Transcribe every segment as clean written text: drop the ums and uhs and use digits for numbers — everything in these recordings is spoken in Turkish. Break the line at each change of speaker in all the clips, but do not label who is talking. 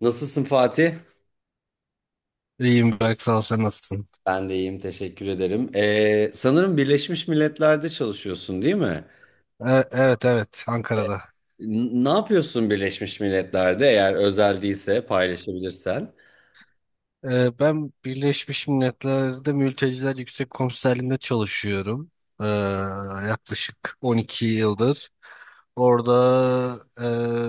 Nasılsın Fatih?
İyiyim Berk sağ ol sen nasılsın?
Ben de iyiyim, teşekkür ederim. Sanırım Birleşmiş Milletler'de çalışıyorsun, değil mi?
Evet evet, Ankara'da.
Ne yapıyorsun Birleşmiş Milletler'de eğer özel değilse paylaşabilirsen?
Ben Birleşmiş Milletler'de Mülteciler Yüksek Komiserliği'nde çalışıyorum. E, Yaklaşık 12 yıldır. Orada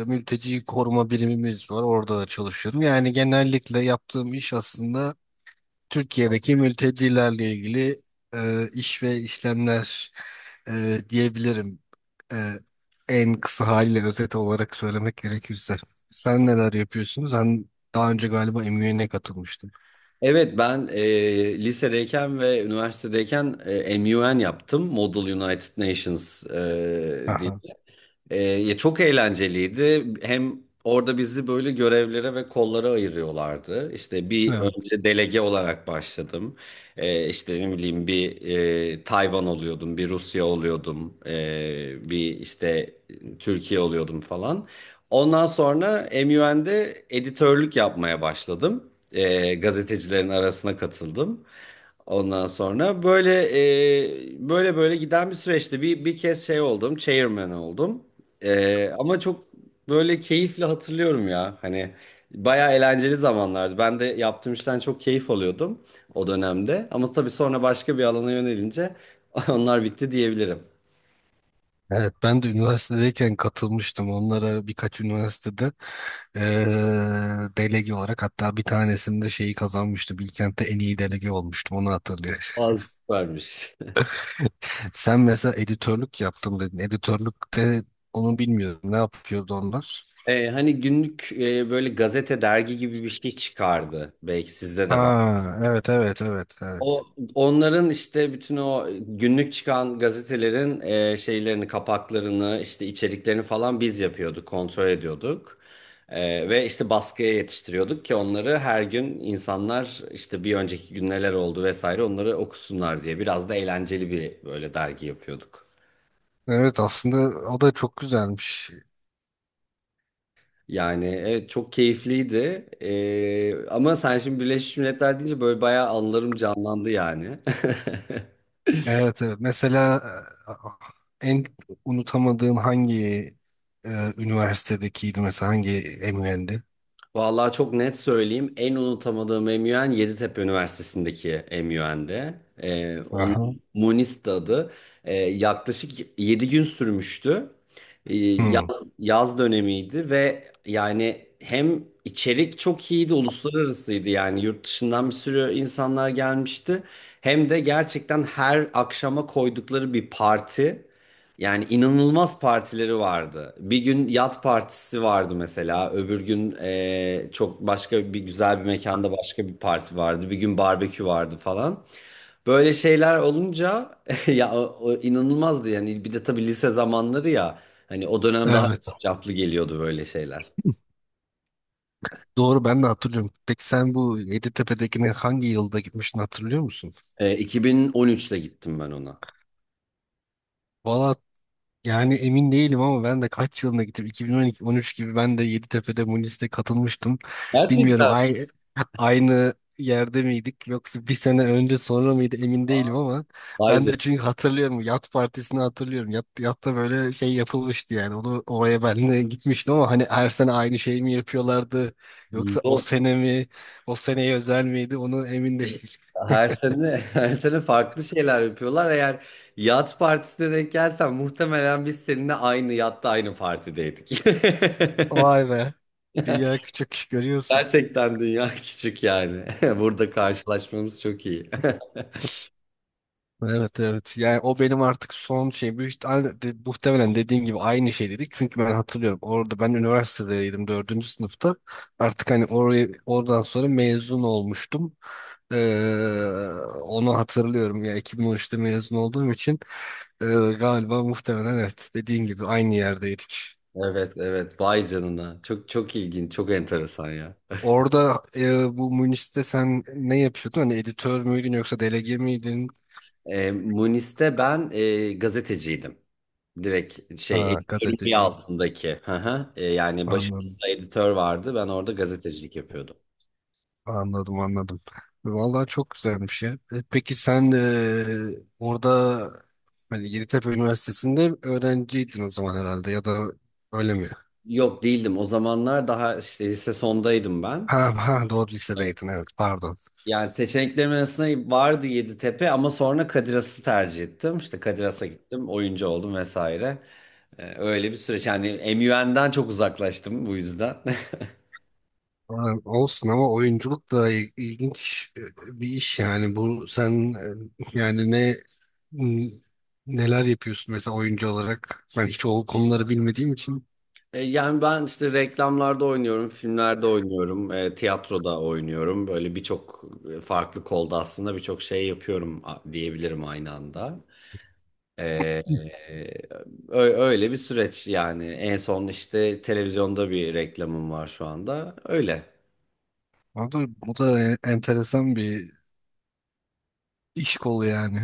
mülteci koruma birimimiz var. Orada da çalışıyorum. Yani genellikle yaptığım iş aslında Türkiye'deki mültecilerle ilgili iş ve işlemler diyebilirim. E, En kısa haliyle özet olarak söylemek gerekirse. Sen neler yapıyorsun? Sen daha önce galiba MUN'e katılmıştın.
Evet, ben lisedeyken ve üniversitedeyken MUN yaptım. Model United Nations diye.
Aha.
Ya çok eğlenceliydi. Hem orada bizi böyle görevlere ve kollara ayırıyorlardı. İşte bir
Evet.
önce delege olarak başladım. İşte ne bileyim bir Tayvan oluyordum, bir Rusya oluyordum, bir işte Türkiye oluyordum falan. Ondan sonra MUN'de editörlük yapmaya başladım, gazetecilerin arasına katıldım. Ondan sonra böyle böyle böyle giden bir süreçti. Bir kez şey oldum, chairman oldum. Ama çok böyle keyifle hatırlıyorum ya. Hani bayağı eğlenceli zamanlardı. Ben de yaptığım işten çok keyif alıyordum o dönemde. Ama tabii sonra başka bir alana yönelince onlar bitti diyebilirim.
Evet, ben de üniversitedeyken katılmıştım. Onlara birkaç üniversitede e, delege olarak, hatta bir tanesinde şeyi kazanmıştım. Bilkent'te en iyi delege olmuştum. Onu hatırlıyorum.
Az süpermiş.
Sen mesela editörlük yaptım dedin. Editörlükte onu bilmiyorum. Ne yapıyordu onlar?
Hani günlük böyle gazete, dergi gibi bir şey çıkardı. Belki sizde de var.
Ha, evet evet evet evet.
O onların işte bütün o günlük çıkan gazetelerin şeylerini, kapaklarını, işte içeriklerini falan biz yapıyorduk, kontrol ediyorduk. Ve işte baskıya yetiştiriyorduk ki onları her gün insanlar işte bir önceki gün neler oldu vesaire onları okusunlar diye biraz da eğlenceli bir böyle dergi yapıyorduk.
Evet, aslında o da çok güzelmiş.
Yani evet çok keyifliydi. Ama sen şimdi Birleşmiş Milletler deyince böyle bayağı anılarım canlandı yani.
Evet evet. Mesela en unutamadığın hangi üniversitedekiydi, mesela hangi MUN'di?
Vallahi çok net söyleyeyim. En unutamadığım MUN Yeditepe Üniversitesi'ndeki MUN'de. Onun
Aha.
Munis'ti adı. Yaklaşık 7 gün sürmüştü. Ee, yaz,
Hı,
yaz dönemiydi ve yani hem içerik çok iyiydi, uluslararasıydı. Yani yurt dışından bir sürü insanlar gelmişti. Hem de gerçekten her akşama koydukları bir parti. Yani inanılmaz partileri vardı. Bir gün yat partisi vardı mesela. Öbür gün çok başka bir güzel bir mekanda başka bir parti vardı. Bir gün barbekü vardı falan. Böyle şeyler olunca ya o inanılmazdı yani. Bir de tabii lise zamanları ya. Hani o dönem daha
evet.
caplı geliyordu böyle şeyler.
Doğru, ben de hatırlıyorum. Peki sen bu Yeditepe'dekine hangi yılda gitmiştin, hatırlıyor musun?
2013'te gittim ben ona.
Valla, yani emin değilim ama ben de kaç yılına gittim, 2012-13 gibi, ben de Yeditepe'de Munis'te katılmıştım. Bilmiyorum
Gerçekten.
aynı, aynı yerde miydik yoksa bir sene önce sonra mıydı emin değilim, ama
Vay
ben de çünkü hatırlıyorum Yat Partisi'ni hatırlıyorum. Yat, Yat'ta böyle şey yapılmıştı, yani onu oraya ben de gitmiştim ama hani her sene aynı şey mi yapıyorlardı yoksa o
canına.
sene mi, o seneye özel miydi onu emin değilim.
Her sene her sene farklı şeyler yapıyorlar. Eğer yat partisine denk gelsen muhtemelen biz seninle aynı yatta aynı partideydik.
Vay be, dünya küçük görüyorsun.
Gerçekten dünya küçük yani. Burada karşılaşmamız çok iyi.
Evet evet, yani o benim artık son şey, büyük muhtemelen dediğin gibi aynı şey dedik çünkü ben hatırlıyorum orada, ben üniversitedeydim dördüncü sınıfta, artık hani oraya, oradan sonra mezun olmuştum. Ee, Onu hatırlıyorum ya, 2013'te mezun olduğum için e, galiba muhtemelen evet, dediğin gibi aynı yerdeydik.
Evet evet, vay canına. Çok çok ilginç, çok enteresan ya.
Orada bu Münih'te sen ne yapıyordun? Hani editör müydün yoksa delege miydin?
Munis'te ben gazeteciydim. Direkt şey
Ha,
editörün bir
gazeteciydin.
altındaki. Hı hı. Yani
Anladım.
başımızda editör vardı. Ben orada gazetecilik yapıyordum.
Anladım anladım. Vallahi çok güzelmiş ya. Peki sen orada hani Yeditepe Üniversitesi'nde öğrenciydin o zaman herhalde, ya da öyle mi?
Yok değildim. O zamanlar daha işte lise sondaydım ben.
Ha, ha doğru,
Evet.
lisedeydin, evet pardon.
Yani seçeneklerim arasında vardı Yeditepe ama sonra Kadiras'ı tercih ettim. İşte Kadiras'a gittim, oyuncu oldum vesaire. Öyle bir süreç. Yani MUN'den çok uzaklaştım bu yüzden.
Ha, olsun ama oyunculuk da ilginç bir iş yani, bu sen yani ne n- neler yapıyorsun mesela oyuncu olarak, ben hiç o konuları bilmediğim için.
Yani ben işte reklamlarda oynuyorum, filmlerde oynuyorum, tiyatroda oynuyorum. Böyle birçok farklı kolda aslında birçok şey yapıyorum, diyebilirim aynı anda. Ee, öyle bir süreç yani. En son işte televizyonda bir reklamım var şu anda. Öyle.
Abi bu da enteresan bir iş kolu yani.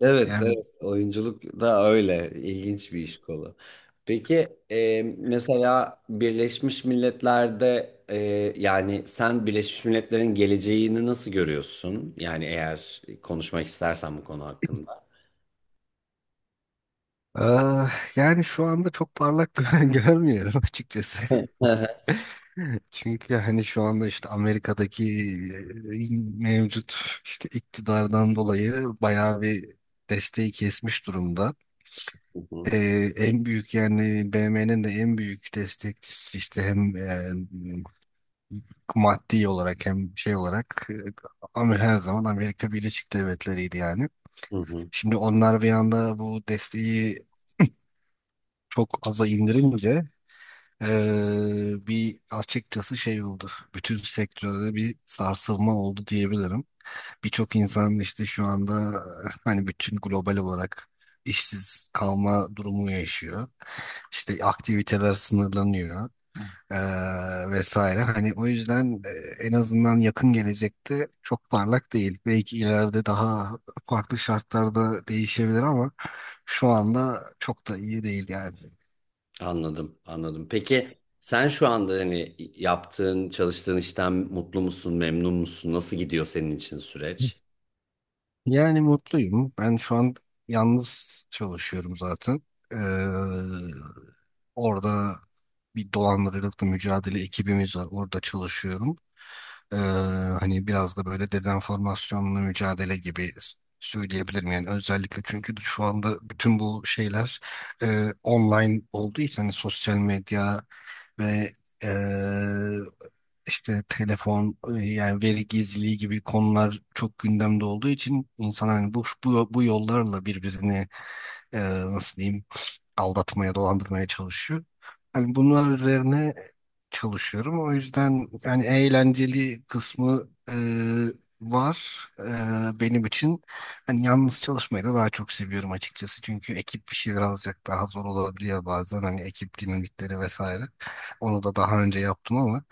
Evet,
Yani
evet. Oyunculuk da öyle. İlginç bir iş kolu. Peki mesela Birleşmiş Milletler'de yani sen Birleşmiş Milletler'in geleceğini nasıl görüyorsun? Yani eğer konuşmak istersen bu konu hakkında.
ah, yani şu anda çok parlak görmüyorum açıkçası.
Hı hı.
Çünkü hani şu anda işte Amerika'daki e, mevcut işte iktidardan dolayı bayağı bir desteği kesmiş durumda.
Hı hı.
Ee, En büyük yani BM'nin de en büyük destekçisi işte hem maddi olarak hem şey olarak ama her zaman Amerika Birleşik Devletleri'ydi yani.
Hı hı.
Şimdi onlar bir anda bu desteği çok aza indirince bir açıkçası şey oldu. Bütün sektörde bir sarsılma oldu diyebilirim. Birçok insan işte şu anda hani bütün global olarak işsiz kalma durumu yaşıyor. İşte aktiviteler sınırlanıyor, vesaire. Hani o yüzden en azından yakın gelecekte çok parlak değil. Belki ileride daha farklı şartlarda değişebilir ama şu anda çok da iyi değil yani.
Anladım, anladım. Peki sen şu anda hani yaptığın, çalıştığın işten mutlu musun, memnun musun? Nasıl gidiyor senin için süreç?
Yani mutluyum. Ben şu an yalnız çalışıyorum zaten. Ee, Orada bir dolandırıcılıkla mücadele ekibimiz var. Orada çalışıyorum. Ee, Hani biraz da böyle dezenformasyonla mücadele gibi söyleyebilirim yani, özellikle çünkü şu anda bütün bu şeyler online olduğu için, hani sosyal medya ve eee, işte telefon yani veri gizliliği gibi konular çok gündemde olduğu için insan hani bu bu yollarla birbirini eee, nasıl diyeyim, aldatmaya, dolandırmaya çalışıyor. Hani bunlar üzerine çalışıyorum. O yüzden yani eğlenceli kısmı var benim için. Hani yalnız çalışmayı da daha çok seviyorum açıkçası. Çünkü ekip bir şey birazcık daha zor olabiliyor bazen. Hani ekip dinamikleri vesaire. Onu da daha önce yaptım ama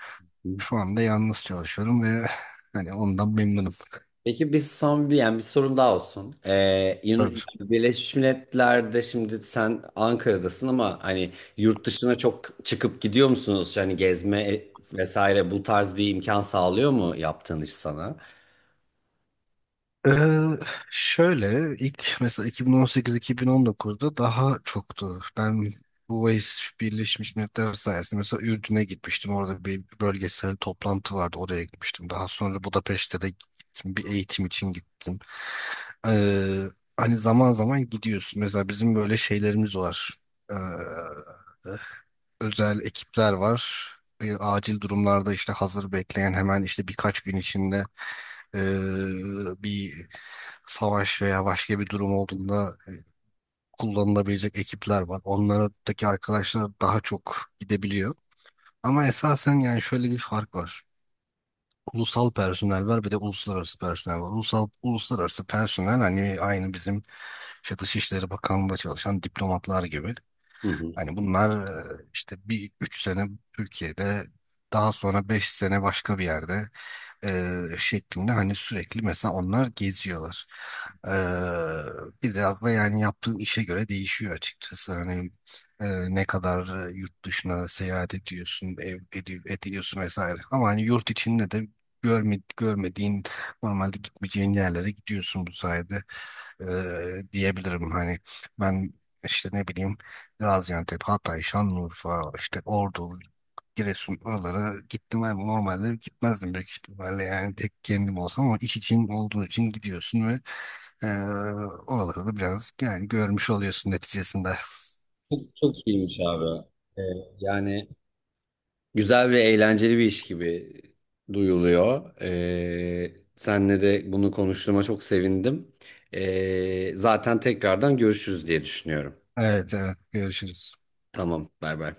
Hı.
şu anda yalnız çalışıyorum ve hani ondan memnunum.
Peki biz son bir, yani bir sorum daha olsun.
Tabii.
Birleşmiş Milletler'de şimdi sen Ankara'dasın ama hani yurt dışına çok çıkıp gidiyor musunuz? Hani gezme vesaire bu tarz bir imkan sağlıyor mu yaptığın iş sana?
Ee, Şöyle ilk mesela 2018-2019'da daha çoktu. Ben bu VAIS Birleşmiş Milletler sayesinde mesela Ürdün'e gitmiştim. Orada bir bölgesel toplantı vardı. Oraya gitmiştim. Daha sonra Budapeşte de gittim. Bir eğitim için gittim. Ee, Hani zaman zaman gidiyorsun. Mesela bizim böyle şeylerimiz var. Ee, Özel ekipler var. Acil durumlarda işte hazır bekleyen hemen işte birkaç gün içinde e, bir savaş veya başka bir durum olduğunda kullanılabilecek ekipler var. Onlardaki arkadaşlar daha çok gidebiliyor. Ama esasen yani şöyle bir fark var. Ulusal personel var, bir de uluslararası personel var. Ulusal, uluslararası personel hani aynı bizim işte Dışişleri Bakanlığı'nda çalışan diplomatlar gibi.
Hı hı.
Hani bunlar işte bir üç sene Türkiye'de, daha sonra beş sene başka bir yerde e, şeklinde, hani sürekli mesela onlar geziyorlar. E, Biraz da yani yaptığın işe göre değişiyor açıkçası. Hani e, ne kadar yurt dışına seyahat ediyorsun, ediyorsun vesaire. Ama hani yurt içinde de görmediğin normalde gitmeyeceğin yerlere gidiyorsun bu sayede diyebilirim. Hani ben işte ne bileyim Gaziantep, Hatay, Şanlıurfa, işte Ordu, Giresun, oralara gittim abi. Normalde gitmezdim büyük ihtimalle. Yani tek kendim olsam, ama iş için olduğu için gidiyorsun ve eee oraları da biraz yani görmüş oluyorsun neticesinde.
Çok iyiymiş abi. Ee, yani güzel ve eğlenceli bir iş gibi duyuluyor. Senle de bunu konuştuğuma çok sevindim. Zaten tekrardan görüşürüz diye düşünüyorum.
Evet, evet. Görüşürüz.
Tamam, bay bay.